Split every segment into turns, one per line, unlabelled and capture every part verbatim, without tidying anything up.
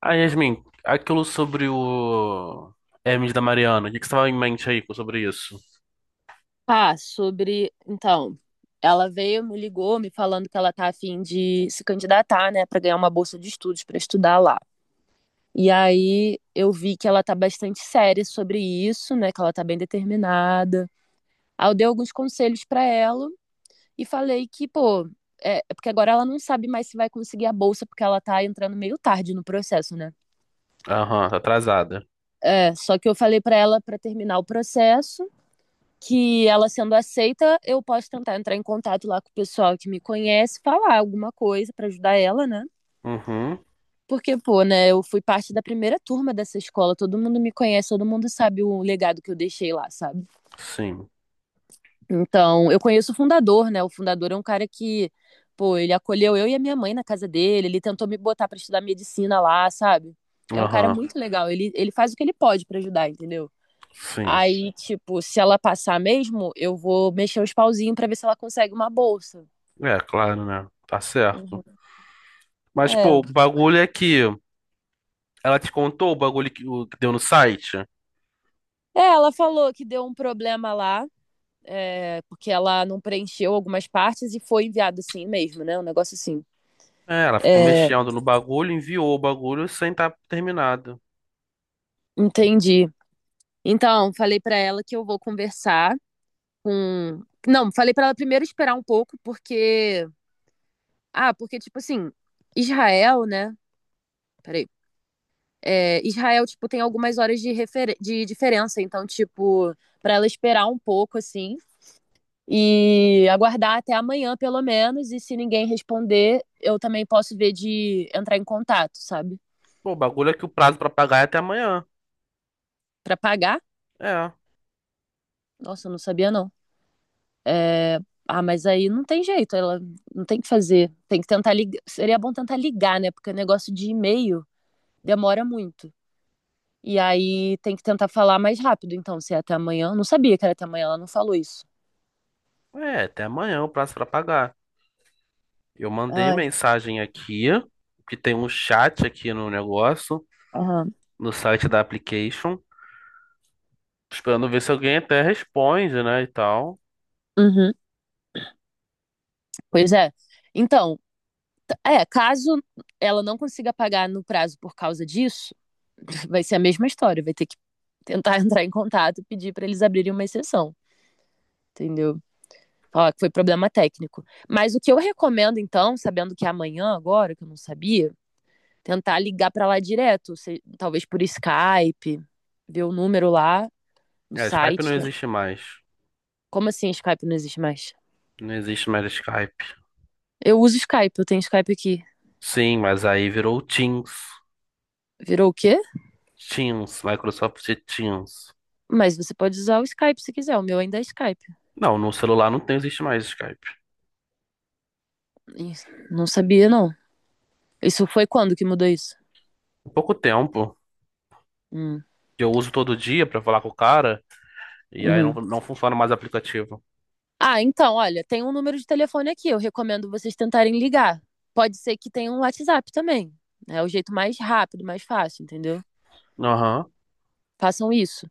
Ah, Yasmin, aquilo sobre o Hermes da Mariana, o que que você tava em mente aí sobre isso?
Ah, sobre. Então, ela veio, me ligou, me falando que ela tá a fim de se candidatar, né, Pra ganhar uma bolsa de estudos pra estudar lá. E aí eu vi que ela tá bastante séria sobre isso, né, que ela tá bem determinada. Aí eu dei alguns conselhos pra ela e falei que, pô, é é porque agora ela não sabe mais se vai conseguir a bolsa porque ela tá entrando meio tarde no processo, né?
Aham, tá atrasada.
É, só que eu falei pra ela pra terminar o processo que ela sendo aceita, eu posso tentar entrar em contato lá com o pessoal que me conhece, falar alguma coisa para ajudar ela, né?
Uhum,
Porque, pô, né, eu fui parte da primeira turma dessa escola, todo mundo me conhece, todo mundo sabe o legado que eu deixei lá, sabe?
sim.
Então, eu conheço o fundador, né? O fundador é um cara que, pô, ele acolheu eu e a minha mãe na casa dele, ele tentou me botar para estudar medicina lá, sabe? É um cara
Aham,
muito legal, ele, ele faz o que ele pode para ajudar, entendeu?
sim.
Aí, tipo, se ela passar mesmo, eu vou mexer os pauzinhos pra ver se ela consegue uma bolsa.
É, claro, né? Tá certo.
Uhum.
Mas, pô,
É.
o bagulho é que ela te contou o bagulho que, o que deu no site?
É, ela falou que deu um problema lá, é, porque ela não preencheu algumas partes e foi enviado assim mesmo, né? Um negócio assim.
É, ela ficou
É,
mexendo no bagulho, enviou o bagulho sem estar terminado.
entendi. Então, falei pra ela que eu vou conversar com. Não, falei pra ela primeiro esperar um pouco, porque. Ah, porque, tipo assim, Israel, né? Peraí. É, Israel, tipo, tem algumas horas de, refer- de diferença, então, tipo, para ela esperar um pouco, assim, e aguardar até amanhã, pelo menos, e se ninguém responder, eu também posso ver de entrar em contato, sabe?
Pô, o bagulho é que o prazo pra pagar é até amanhã.
Para pagar.
É,
Nossa, eu não sabia, não. É, Ah, mas aí não tem jeito, ela não tem o que fazer. Tem que tentar ligar. Seria bom tentar ligar, né? Porque o negócio de e-mail demora muito. E aí tem que tentar falar mais rápido, então, se é até amanhã. Não sabia que era até amanhã, ela não falou isso.
é, até amanhã o prazo pra pagar. Eu mandei
Ai,
mensagem aqui, que tem um chat aqui no negócio,
aham.
no site da application, esperando ver se alguém até responde, né, e tal.
Uhum, pois é. Então, t- é, caso ela não consiga pagar no prazo por causa disso, vai ser a mesma história. Vai ter que tentar entrar em contato e pedir para eles abrirem uma exceção, entendeu? ó que foi problema técnico. Mas o que eu recomendo, então, sabendo que é amanhã agora, que eu não sabia, tentar ligar para lá direto, se- talvez por Skype, ver o número lá no
É, Skype
site.
não existe mais.
Como assim Skype não existe mais?
Não existe mais Skype.
Eu uso Skype, eu tenho Skype aqui.
Sim, mas aí virou Teams.
Virou o quê?
Teams, Microsoft Teams.
Mas você pode usar o Skype se quiser, o meu ainda é Skype.
Não, no celular não tem, existe mais Skype.
Não sabia, não. Isso foi quando que mudou isso?
Há pouco tempo,
Hum,
que eu uso todo dia pra falar com o cara, e aí não,
uhum.
não funciona mais o aplicativo.
Ah, então, olha, tem um número de telefone aqui. Eu recomendo vocês tentarem ligar. Pode ser que tenha um WhatsApp também. É o jeito mais rápido, mais fácil, entendeu?
Aham,
Façam isso.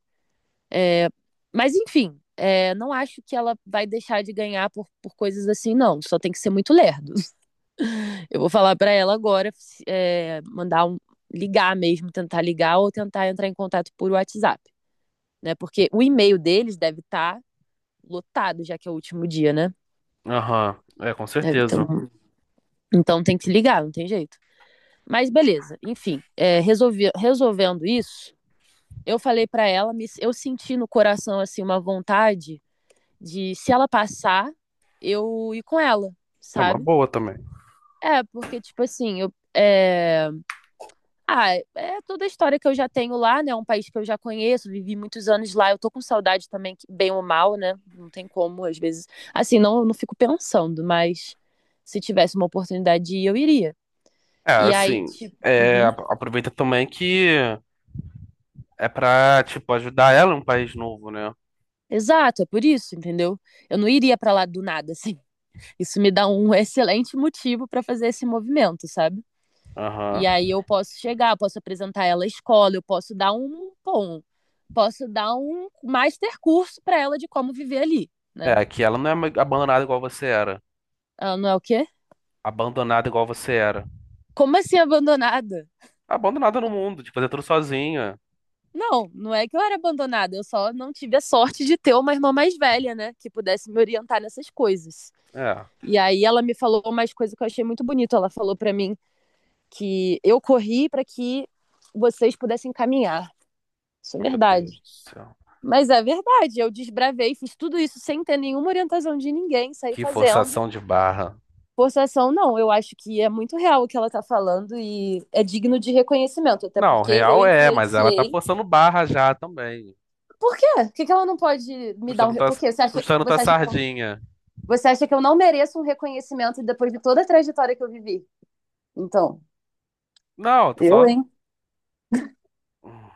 É, mas, enfim, é, não acho que ela vai deixar de ganhar por, por coisas assim, não. Só tem que ser muito lerdo. Eu vou falar pra ela agora, é, mandar um, ligar mesmo, tentar ligar ou tentar entrar em contato por WhatsApp, né? Porque o e-mail deles deve estar lotado, já que é o último dia, né?
aham. É, com
É,
certeza.
Então, então tem que se ligar, não tem jeito. Mas beleza, enfim, é, resolvi- resolvendo isso, eu falei pra ela, me- eu senti no coração assim uma vontade de se ela passar, eu ir com ela,
É uma
sabe?
boa também.
É, porque tipo assim, eu é, Ah, é toda a história que eu já tenho lá, né? É um país que eu já conheço, vivi muitos anos lá. Eu tô com saudade também, que- bem ou mal, né? Não tem como, às vezes. Assim, não, não fico pensando, mas se tivesse uma oportunidade de ir, eu iria.
É,
E aí,
assim,
tipo.
é,
Uhum.
ap- aproveita também que é pra, tipo, ajudar ela em um país novo, né?
Exato, é por isso, entendeu? Eu não iria pra lá do nada, assim. Isso me dá um excelente motivo pra fazer esse movimento, sabe? E
Aham.
aí eu posso chegar, posso apresentar ela à escola, eu posso dar um, bom, posso dar um master curso pra ela de como viver ali.
É,
Né?
aqui ela não é ma- abandonada igual você era.
Ela não é o quê?
Abandonada igual você era.
Como assim abandonada?
Abandonada no mundo, de fazer tudo sozinha.
Não, não é que eu era abandonada, eu só não tive a sorte de ter uma irmã mais velha, né? Que pudesse me orientar nessas coisas.
É,
E aí ela me falou mais coisas que eu achei muito bonito. Ela falou para mim que eu corri para que vocês pudessem caminhar. Isso é
meu
verdade.
Deus do céu.
Mas é verdade, eu desbravei, fiz tudo isso sem ter nenhuma orientação de ninguém, saí
Que
fazendo.
forçação de barra.
Forçação, não, eu acho que é muito real o que ela tá falando e é digno de reconhecimento, até
Não,
porque eu
real é, mas ela tá
influenciei.
forçando barra já também.
Por quê? Por que, que ela não pode me dar
Puxando
um.
tua,
Por quê? Você acha,
puxando tua
você, acha que eu,
sardinha.
você acha que eu não mereço um reconhecimento depois de toda a trajetória que eu vivi? Então,
Não, tô
eu,
só.
hein?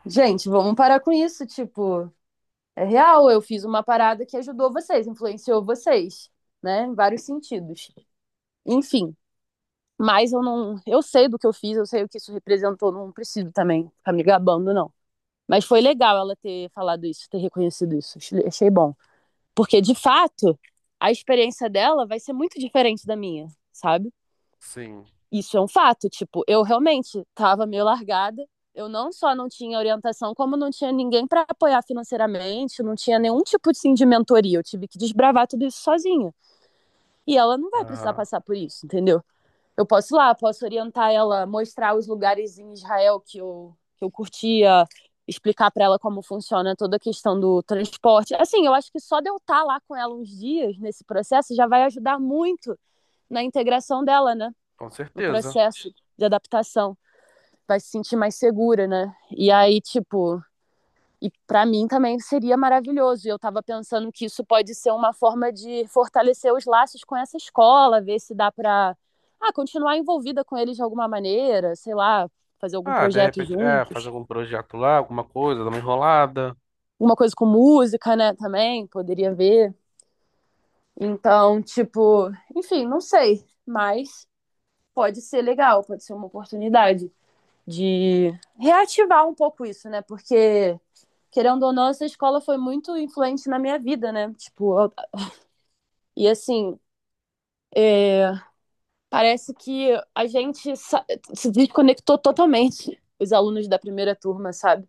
Gente, vamos parar com isso. Tipo, é real, eu fiz uma parada que ajudou vocês, influenciou vocês, né? Em vários sentidos. Enfim, mas eu não. Eu sei do que eu fiz, eu sei o que isso representou, não preciso também ficar me gabando, não. Mas foi legal ela ter falado isso, ter reconhecido isso. Achei- Achei bom. Porque, de fato, a experiência dela vai ser muito diferente da minha, sabe?
Sim.
Isso é um fato. Tipo, eu realmente tava meio largada. Eu não só não tinha orientação, como não tinha ninguém para apoiar financeiramente, não tinha nenhum tipo assim, de mentoria. Eu tive que desbravar tudo isso sozinha. E ela não vai precisar
Aham,
passar por isso, entendeu? Eu posso ir lá, posso orientar ela, mostrar os lugares em Israel que eu, que eu curtia, explicar para ela como funciona toda a questão do transporte. Assim, eu acho que só de eu estar lá com ela uns dias nesse processo já vai ajudar muito na integração dela, né?
com
No
certeza.
processo de adaptação. Vai se sentir mais segura, né? E aí, tipo, e para mim também seria maravilhoso. E eu estava pensando que isso pode ser uma forma de fortalecer os laços com essa escola, ver se dá para ah, continuar envolvida com eles de alguma maneira, sei lá, fazer algum
Ah, de
projeto
repente, é, fazer
juntos.
algum projeto lá, alguma coisa, dar uma enrolada.
Uma coisa com música, né, também, poderia ver. Então, tipo, enfim, não sei, mas pode ser legal, pode ser uma oportunidade de reativar um pouco isso, né? Porque querendo ou não, essa escola foi muito influente na minha vida, né? Tipo, e assim, é, parece que a gente se desconectou totalmente, os alunos da primeira turma, sabe?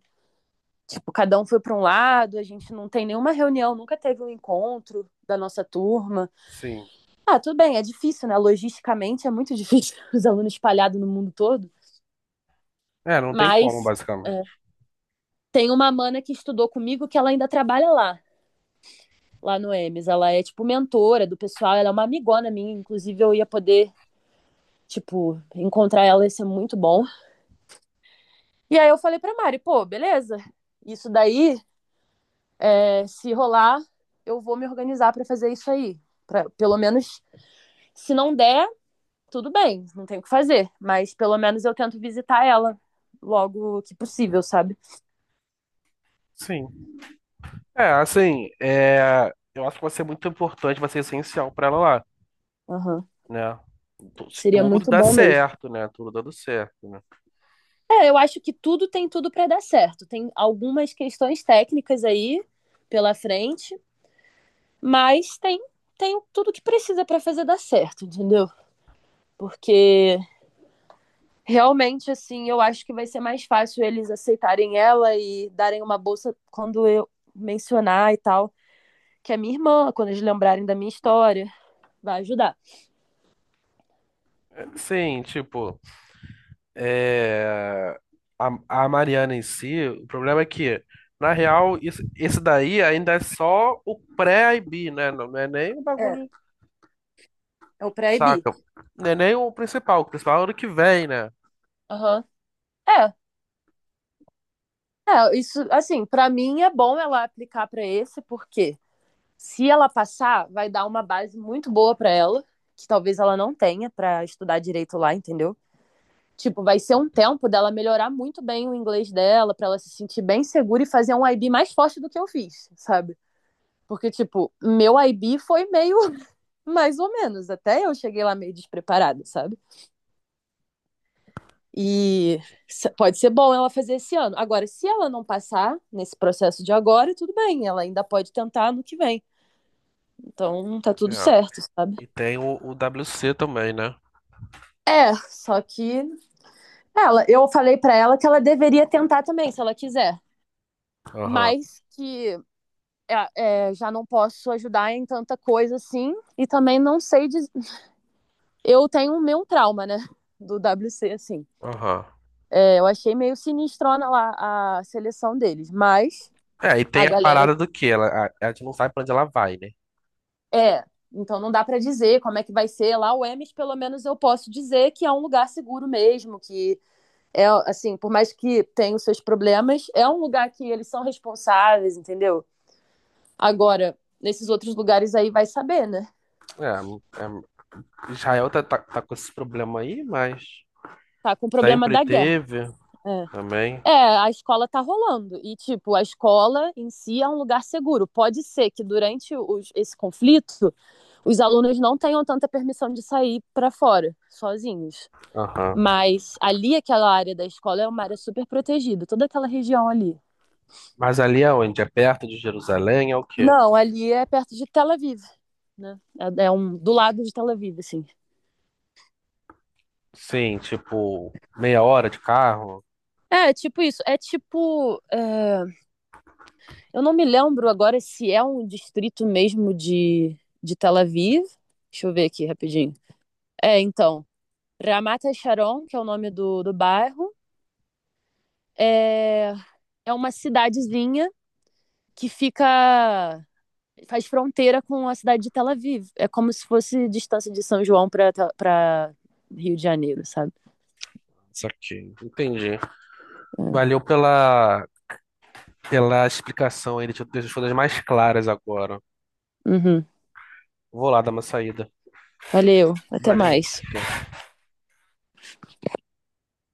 Tipo, cada um foi para um lado, a gente não tem nenhuma reunião, nunca teve um encontro da nossa turma.
Sim.
Ah, tudo bem, é difícil, né? Logisticamente é muito difícil os alunos espalhados no mundo todo,
É, não tem como,
mas
basicamente.
é, tem uma mana que estudou comigo que ela ainda trabalha lá, lá no êmes. Ela é, tipo, mentora do pessoal, ela é uma amigona minha, inclusive eu ia poder, tipo, encontrar ela, ia ser muito bom. E aí eu falei pra Mari, pô, beleza. Isso daí, é, se rolar, eu vou me organizar pra fazer isso aí. Pra, pelo menos, se não der, tudo bem, não tem o que fazer. Mas pelo menos eu tento visitar ela logo que possível, sabe?
Sim. É, assim, é, eu acho que vai ser muito importante, vai ser essencial pra ela lá,
Aham.
né? Tu- Se
Seria
tudo
muito
dá
bom mesmo.
certo, né? Tudo dando certo, né?
É, eu acho que tudo tem tudo pra dar certo. Tem algumas questões técnicas aí pela frente, mas tem, tem tudo que precisa pra fazer dar certo, entendeu? Porque realmente, assim, eu acho que vai ser mais fácil eles aceitarem ela e darem uma bolsa quando eu mencionar e tal, que é minha irmã, quando eles lembrarem da minha história, vai ajudar.
É, sim, tipo, é, a, a Mariana em si, o problema é que, na real, isso, esse daí ainda é só o pré-I B, né? Não, não é nem o bagulho,
É. É o pré-I B.
saca? Não é nem o principal, o principal é o ano que vem, né?
Aham. É, é, isso, assim, pra mim é bom ela aplicar pra esse, porque se ela passar, vai dar uma base muito boa pra ela, que talvez ela não tenha pra estudar direito lá, entendeu? Tipo, vai ser um tempo dela melhorar muito bem o inglês dela, para ela se sentir bem segura e fazer um I B mais forte do que eu fiz, sabe? Porque, tipo, meu I B foi meio mais ou menos. Até eu cheguei lá meio despreparada, sabe? E pode ser bom ela fazer esse ano. Agora, se ela não passar nesse processo de agora, tudo bem, ela ainda pode tentar no que vem. Então, tá tudo
É.
certo, sabe?
E tem o, o W C também, né?
É, só que ela, eu falei para ela que ela deveria tentar também, se ela quiser,
Aham,
mas que é, é, já não posso ajudar em tanta coisa assim. E também não sei. Diz... Eu tenho o meu trauma, né? Do W C, assim.
aham.
É, eu achei meio sinistrona lá a seleção deles, mas
É, e
a
tem a
galera.
parada do que ela, a, a gente não sabe pra onde ela vai, né?
É, então não dá para dizer como é que vai ser lá o Emes, pelo menos eu posso dizer que é um lugar seguro mesmo, que é assim, por mais que tenha os seus problemas, é um lugar que eles são responsáveis, entendeu? Agora, nesses outros lugares aí vai saber, né?
É, é, Israel tá, tá, tá com esse problema aí, mas
Tá com o problema
sempre
da guerra.
teve
É.
também.
É, a escola tá rolando. E, tipo, a escola em si é um lugar seguro. Pode ser que durante os- esse conflito, os alunos não tenham tanta permissão de sair pra fora, sozinhos.
Aham.
Mas ali, aquela área da escola é uma área super protegida, toda aquela região ali.
Mas ali é onde? É perto de Jerusalém? É o quê?
Não, ali é perto de Tel Aviv, né? É, é um, do lado de Tel Aviv, assim.
Sim, tipo, meia hora de carro?
É, tipo isso. É tipo. É, eu não me lembro agora se é um distrito mesmo de, de Tel Aviv. Deixa eu ver aqui rapidinho. É, então, Ramat Sharon, que é o nome do, do bairro, é, é uma cidadezinha que fica faz fronteira com a cidade de Tel Aviv. É como se fosse distância de São João para Rio de Janeiro, sabe?
Isso aqui. Entendi.
É.
Valeu pela, pela explicação aí, deixa eu deixar as coisas mais claras agora.
Uhum.
Vou lá dar uma saída.
Valeu, até
Valeu.
mais.